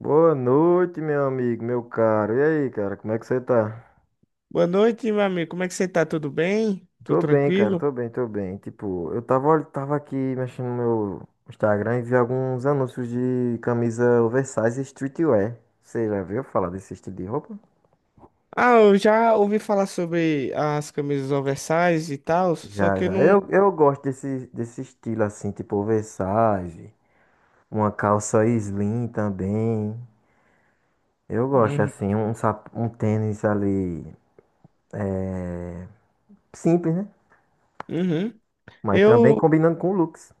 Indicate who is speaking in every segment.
Speaker 1: Boa noite, meu amigo, meu caro. E aí, cara, como é que você tá?
Speaker 2: Boa noite, meu amigo. Como é que você tá? Tudo bem? Tudo
Speaker 1: Tô bem, cara,
Speaker 2: tranquilo?
Speaker 1: tô bem. Tipo, eu tava, tava aqui mexendo no meu Instagram e vi alguns anúncios de camisa oversize e streetwear. Você já viu falar desse estilo de roupa?
Speaker 2: Ah, eu já ouvi falar sobre as camisas oversize e tal, só
Speaker 1: Já,
Speaker 2: que eu
Speaker 1: já.
Speaker 2: não.
Speaker 1: Eu gosto desse estilo assim, tipo oversize, uma calça slim também. Eu gosto
Speaker 2: Uhum.
Speaker 1: assim, um tênis ali simples, né?
Speaker 2: Uhum.
Speaker 1: Mas também
Speaker 2: Eu,
Speaker 1: combinando com looks.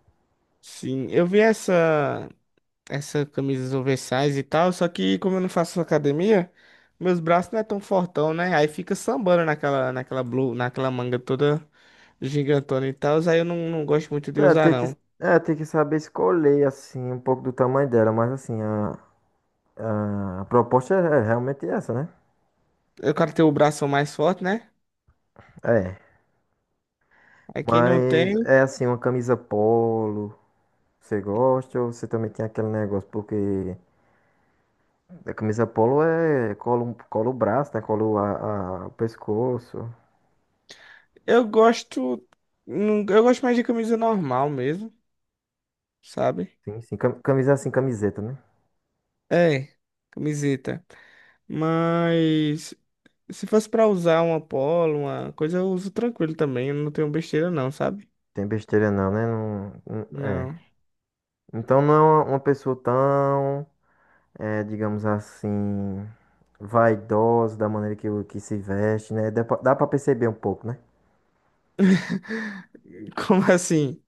Speaker 2: sim, eu vi essa camisa oversize e tal, só que como eu não faço academia, meus braços não é tão fortão, né? Aí fica sambando naquela blue, naquela manga toda gigantona e tal, aí eu não, não gosto muito de
Speaker 1: É,
Speaker 2: usar,
Speaker 1: tem que,
Speaker 2: não.
Speaker 1: tem que saber escolher, assim, um pouco do tamanho dela, mas, assim, a proposta é realmente essa, né?
Speaker 2: Eu quero ter o braço mais forte, né?
Speaker 1: É,
Speaker 2: Aí quem não
Speaker 1: mas
Speaker 2: tem.
Speaker 1: é, assim, uma camisa polo, você gosta ou você também tem aquele negócio? Porque a camisa polo é, cola, cola o braço, né? Cola o pescoço,
Speaker 2: Eu gosto. Eu gosto mais de camisa normal mesmo, sabe?
Speaker 1: sim, sim, camisa, assim, camiseta, né?
Speaker 2: É, camiseta. Mas se fosse pra usar uma polo, uma coisa, eu uso tranquilo também. Eu não tenho besteira, não, sabe?
Speaker 1: Tem besteira não, né? É.
Speaker 2: Não.
Speaker 1: Então não é uma pessoa tão... é, digamos assim, vaidosa da maneira que, que se veste, né? Dá pra perceber um pouco, né?
Speaker 2: Como assim?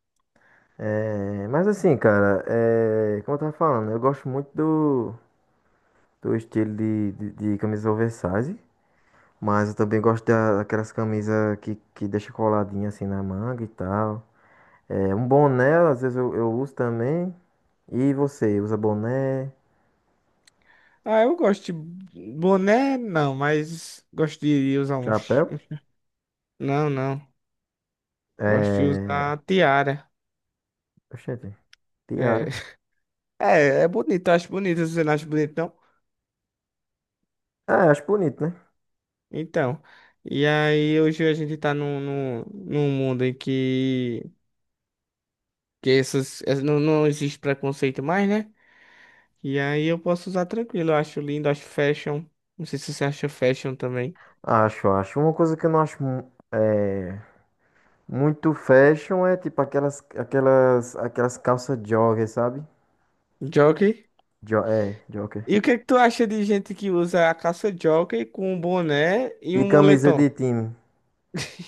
Speaker 1: É, mas assim, cara, é, como eu tava falando, eu gosto muito do estilo de camisa oversize, mas eu também gosto daquelas camisas que deixa coladinha assim na manga e tal. É, um boné, às vezes eu uso também. E você, usa boné,
Speaker 2: Ah, eu gosto de boné, não, mas gosto de usar uns.
Speaker 1: chapéu?
Speaker 2: Não, não. Gosto de
Speaker 1: É...
Speaker 2: usar tiara.
Speaker 1: Oxente, tiara.
Speaker 2: É, é bonito, eu acho bonito. Você não acha bonito, não?
Speaker 1: É, acho bonito, né?
Speaker 2: Então, e aí hoje a gente tá num mundo em que não, não existe preconceito mais, né? E aí eu posso usar tranquilo, eu acho lindo, acho fashion. Não sei se você acha fashion também.
Speaker 1: Acho, acho. Uma coisa que eu não acho é, muito fashion é tipo aquelas calças jogger, sabe?
Speaker 2: Jockey.
Speaker 1: Jo é, jogger.
Speaker 2: E o que é que tu acha de gente que usa a calça jockey com um boné e
Speaker 1: E
Speaker 2: um
Speaker 1: camisa
Speaker 2: moletom?
Speaker 1: de time.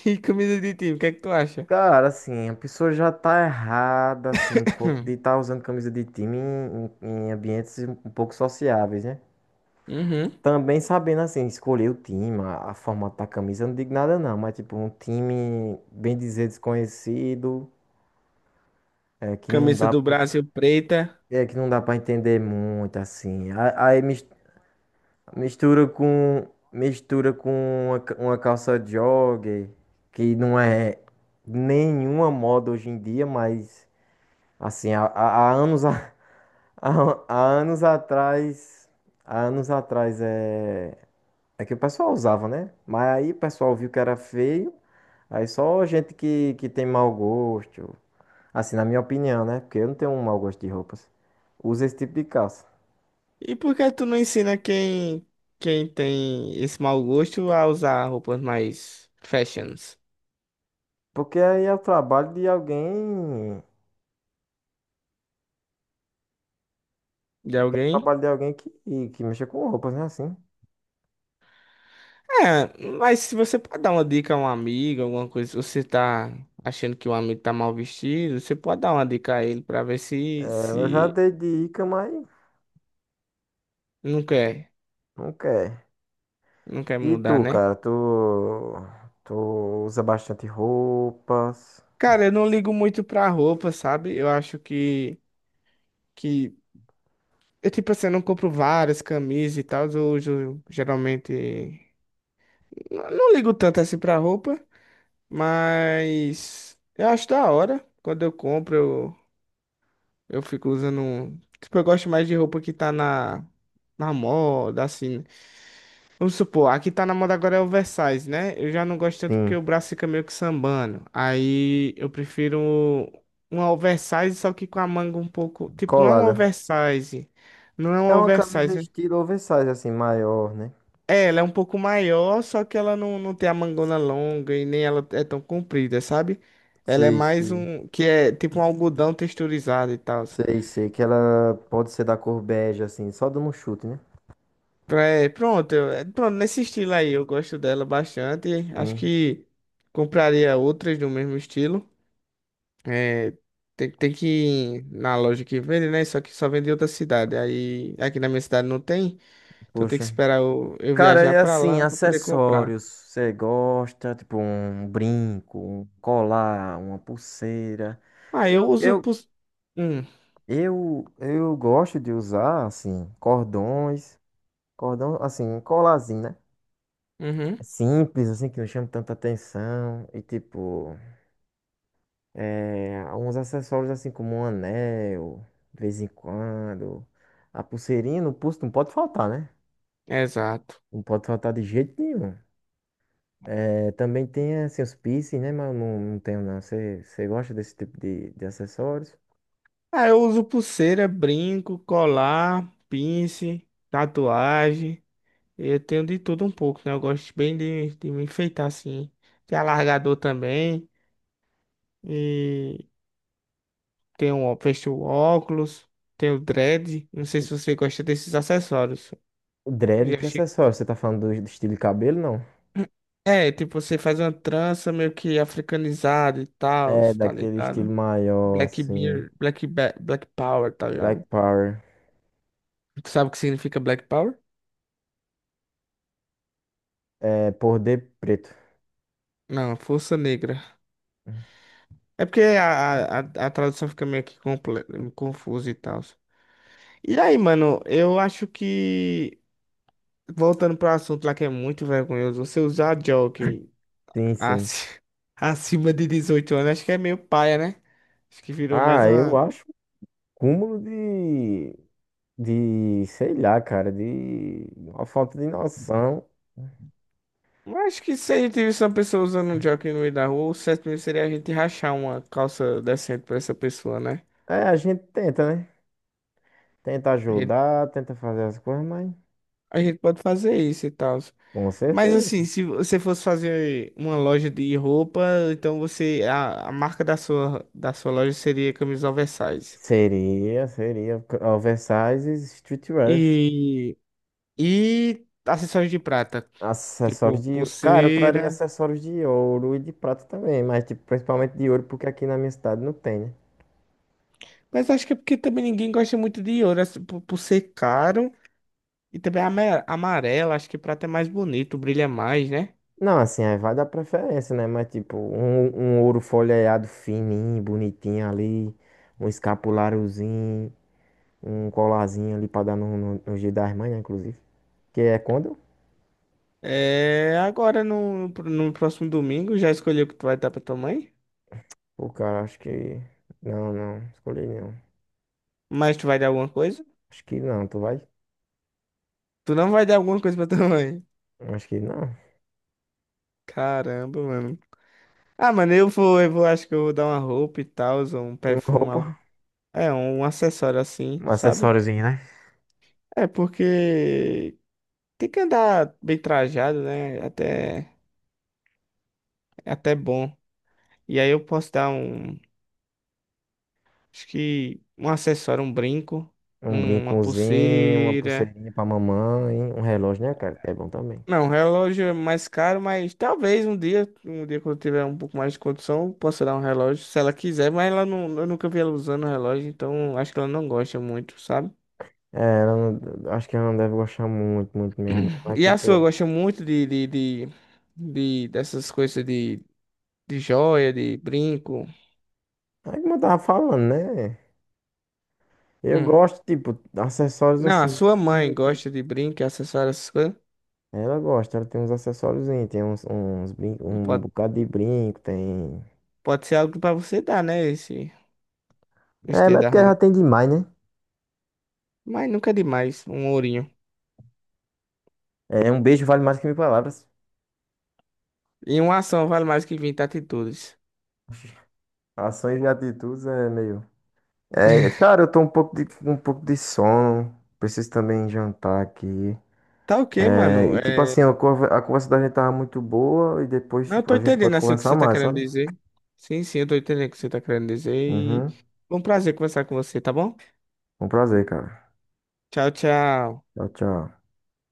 Speaker 2: E camisa de time, o que é que tu acha?
Speaker 1: Cara, assim, a pessoa já tá errada, assim, um pouco de estar usando camisa de time em, em ambientes um pouco sociáveis, né?
Speaker 2: Uhum.
Speaker 1: Também sabendo, assim, escolher o time, a forma da camisa, eu não digo nada não, mas tipo, um time, bem dizer, desconhecido, é, que não
Speaker 2: Camisa
Speaker 1: dá
Speaker 2: do Brasil preta.
Speaker 1: É que não dá pra entender muito assim. Aí mistura com mistura com uma, uma calça jogger, que não é nenhuma moda hoje em dia, mas assim, há anos há, há anos atrás, há anos atrás é que o pessoal usava, né? Mas aí o pessoal viu que era feio, aí só gente que tem mau gosto, assim, na minha opinião, né? Porque eu não tenho um mau gosto de roupas. Usa esse tipo de calça.
Speaker 2: E por que tu não ensina quem tem esse mau gosto a usar roupas mais fashions
Speaker 1: Porque aí é o trabalho de alguém. É
Speaker 2: de
Speaker 1: o
Speaker 2: alguém?
Speaker 1: trabalho de alguém que mexa com roupas, né? Assim.
Speaker 2: É, mas se você pode dar uma dica a um amigo, alguma coisa, se você tá achando que um amigo tá mal vestido, você pode dar uma dica a ele pra ver
Speaker 1: É,
Speaker 2: se,
Speaker 1: eu já
Speaker 2: se
Speaker 1: dei dica, mas
Speaker 2: não quer,
Speaker 1: não quer.
Speaker 2: não quer
Speaker 1: E
Speaker 2: mudar,
Speaker 1: tu,
Speaker 2: né?
Speaker 1: cara? Tu, tu usa bastante roupas?
Speaker 2: Cara, eu não ligo muito pra roupa, sabe? Eu acho que eu, tipo assim, eu não compro várias camisas e tal, eu uso geralmente. Não não ligo tanto assim pra roupa. Mas eu acho da hora. Quando eu compro, eu fico usando. Tipo, eu gosto mais de roupa que tá na moda, assim. Vamos supor, aqui tá na moda agora é oversize, né? Eu já não gosto tanto porque
Speaker 1: Sim,
Speaker 2: o braço fica meio que sambando. Aí eu prefiro uma oversize, só que com a manga um pouco. Tipo, não é um
Speaker 1: colada.
Speaker 2: oversize. Não é um
Speaker 1: É uma camisa
Speaker 2: oversize.
Speaker 1: estilo oversize, assim, maior, né?
Speaker 2: É, ela é um pouco maior, só que ela não, não tem a mangona longa e nem ela é tão comprida, sabe? Ela é
Speaker 1: Sei,
Speaker 2: mais
Speaker 1: sei.
Speaker 2: um, que é tipo um algodão texturizado e tal.
Speaker 1: Sei, sei. Que ela pode ser da cor bege, assim, só dando um chute, né?
Speaker 2: É, pronto, é, pronto, nesse estilo aí, eu gosto dela bastante. Acho
Speaker 1: Sim,
Speaker 2: que compraria outras do mesmo estilo. É, tem que ir na loja que vende, né? Só que só vende em outra cidade. Aí aqui na minha cidade não tem, então tem que
Speaker 1: puxa.
Speaker 2: esperar eu
Speaker 1: Cara,
Speaker 2: viajar
Speaker 1: é
Speaker 2: pra
Speaker 1: assim,
Speaker 2: lá pra poder comprar.
Speaker 1: acessórios. Você gosta, tipo um brinco, um colar, uma pulseira.
Speaker 2: Ah, eu
Speaker 1: Eu,
Speaker 2: uso
Speaker 1: eu,
Speaker 2: pros... Hum,
Speaker 1: eu gosto de usar, assim, cordões, cordão, assim, um colarzinho, né?
Speaker 2: uhum,
Speaker 1: É Simples, assim, que não chama tanta atenção. E, tipo, é, alguns acessórios, assim, como um anel, de vez em quando. A pulseirinha no pulso não pode faltar, né?
Speaker 2: exato.
Speaker 1: Não pode faltar de jeito nenhum. É, também tem assim, os piercing, né? Mas eu não, não tenho, não. Você gosta desse tipo de acessórios?
Speaker 2: Ah, eu uso pulseira, brinco, colar, pince, tatuagem. Eu tenho de tudo um pouco, né? Eu gosto bem de me enfeitar assim. Tem alargador também. E tem um, fecho o óculos. Tem o dread. Não sei se você gosta desses acessórios.
Speaker 1: O dread,
Speaker 2: Já
Speaker 1: que
Speaker 2: achei...
Speaker 1: acessório? Você tá falando do estilo de cabelo, não?
Speaker 2: É, tipo, você faz uma trança meio que africanizada e tal,
Speaker 1: É,
Speaker 2: tá
Speaker 1: daquele estilo
Speaker 2: ligado?
Speaker 1: maior,
Speaker 2: Black
Speaker 1: assim.
Speaker 2: Beer, Black Power, tá ligado?
Speaker 1: Black Power.
Speaker 2: Tu sabe o que significa Black Power?
Speaker 1: É, poder preto.
Speaker 2: Não, força negra. É porque a tradução fica meio que confusa e tal. E aí, mano, eu acho que voltando pro assunto lá que é muito vergonhoso, você usar jockey
Speaker 1: Sim, sim.
Speaker 2: ac- acima de 18 anos, acho que é meio paia, né? Acho que virou mais
Speaker 1: Ah, eu
Speaker 2: uma.
Speaker 1: acho um cúmulo de, sei lá, cara, de uma falta de noção.
Speaker 2: Eu acho que se a gente visse uma pessoa usando um jockey no meio da rua, o certo mesmo seria a gente rachar uma calça decente pra essa pessoa, né?
Speaker 1: É, a gente tenta, né? Tenta
Speaker 2: A gente,
Speaker 1: ajudar, tenta fazer as coisas, mas
Speaker 2: a gente pode fazer isso e tal.
Speaker 1: com
Speaker 2: Mas
Speaker 1: certeza
Speaker 2: assim, se você fosse fazer uma loja de roupa, então você a marca da sua loja seria camisa oversize.
Speaker 1: Seria, seria. Oversizes, streetwears.
Speaker 2: E e acessórios de prata, tipo
Speaker 1: Acessórios de. Cara, eu traria
Speaker 2: pulseira.
Speaker 1: acessórios de ouro e de prata também, mas tipo, principalmente de ouro, porque aqui na minha cidade não tem, né?
Speaker 2: Mas acho que é porque também ninguém gosta muito de ouro, assim, por ser caro e também amarelo, acho que prata é mais bonito, brilha mais, né?
Speaker 1: Não, assim, aí vai dar preferência, né? Mas tipo, um ouro folheado fininho, bonitinho ali, um escapuláriozinho, um colarzinho ali pra dar no dia das mães, né, inclusive. Que é quando?
Speaker 2: É, agora no próximo domingo já escolheu o que tu vai dar pra tua mãe?
Speaker 1: Pô, cara, acho que. Não, não, escolhi não.
Speaker 2: Mas tu vai dar alguma coisa?
Speaker 1: Acho que não, tu vai?
Speaker 2: Tu não vai dar alguma coisa pra tua mãe?
Speaker 1: Acho que não.
Speaker 2: Caramba, mano. Ah, mano, eu vou, acho que eu vou dar uma roupa e tal, um perfume,
Speaker 1: Roupa.
Speaker 2: é, um acessório assim,
Speaker 1: Um
Speaker 2: sabe?
Speaker 1: acessóriozinho, né?
Speaker 2: É, porque tem que andar bem trajado, né? Até, é até bom. E aí eu posso dar um, acho que um acessório, um brinco,
Speaker 1: Um
Speaker 2: uma
Speaker 1: brincozinho, uma
Speaker 2: pulseira.
Speaker 1: pulseirinha pra mamãe, um relógio, né, cara? Que É bom também.
Speaker 2: Não, relógio é mais caro, mas talvez um dia quando eu tiver um pouco mais de condição, eu possa dar um relógio, se ela quiser, mas ela não, eu nunca vi ela usando relógio, então acho que ela não gosta muito, sabe?
Speaker 1: É, ela não, acho que ela não deve gostar muito, muito mesmo, não. Mas,
Speaker 2: E a sua
Speaker 1: tipo,
Speaker 2: gosta muito dessas coisas de joia, de brinco.
Speaker 1: é como eu tava falando, né? Eu
Speaker 2: Hum.
Speaker 1: gosto, tipo, de acessórios
Speaker 2: Não, a
Speaker 1: assim,
Speaker 2: sua mãe
Speaker 1: simples.
Speaker 2: gosta de brinco, acessórios, essas coisas.
Speaker 1: Ela gosta, ela tem uns acessórios, tem uns, uns brin... um
Speaker 2: Pode,
Speaker 1: bocado de brinco, tem.
Speaker 2: pode ser algo pra você dar, né? Esse
Speaker 1: É,
Speaker 2: dia
Speaker 1: mas é
Speaker 2: das
Speaker 1: porque ela
Speaker 2: mães.
Speaker 1: já tem demais, né?
Speaker 2: Mas nunca é demais, um ourinho.
Speaker 1: É, um beijo vale mais que mil palavras.
Speaker 2: E uma ação vale mais que 20 atitudes.
Speaker 1: Ações e atitudes é meio. É, cara, eu tô um pouco de, com um pouco de sono. Preciso também jantar aqui.
Speaker 2: Tá ok,
Speaker 1: É,
Speaker 2: mano.
Speaker 1: e tipo
Speaker 2: É...
Speaker 1: assim, a a conversa da gente tava muito boa e depois,
Speaker 2: Não, eu
Speaker 1: tipo,
Speaker 2: tô
Speaker 1: a gente
Speaker 2: entendendo
Speaker 1: pode
Speaker 2: assim o que
Speaker 1: conversar
Speaker 2: você tá
Speaker 1: mais,
Speaker 2: querendo
Speaker 1: sabe?
Speaker 2: dizer. Sim, sim, eu tô entendendo o que você tá querendo dizer. E
Speaker 1: Uhum.
Speaker 2: foi um prazer conversar com você, tá bom?
Speaker 1: Um prazer, cara.
Speaker 2: Tchau, tchau.
Speaker 1: Tchau, tchau.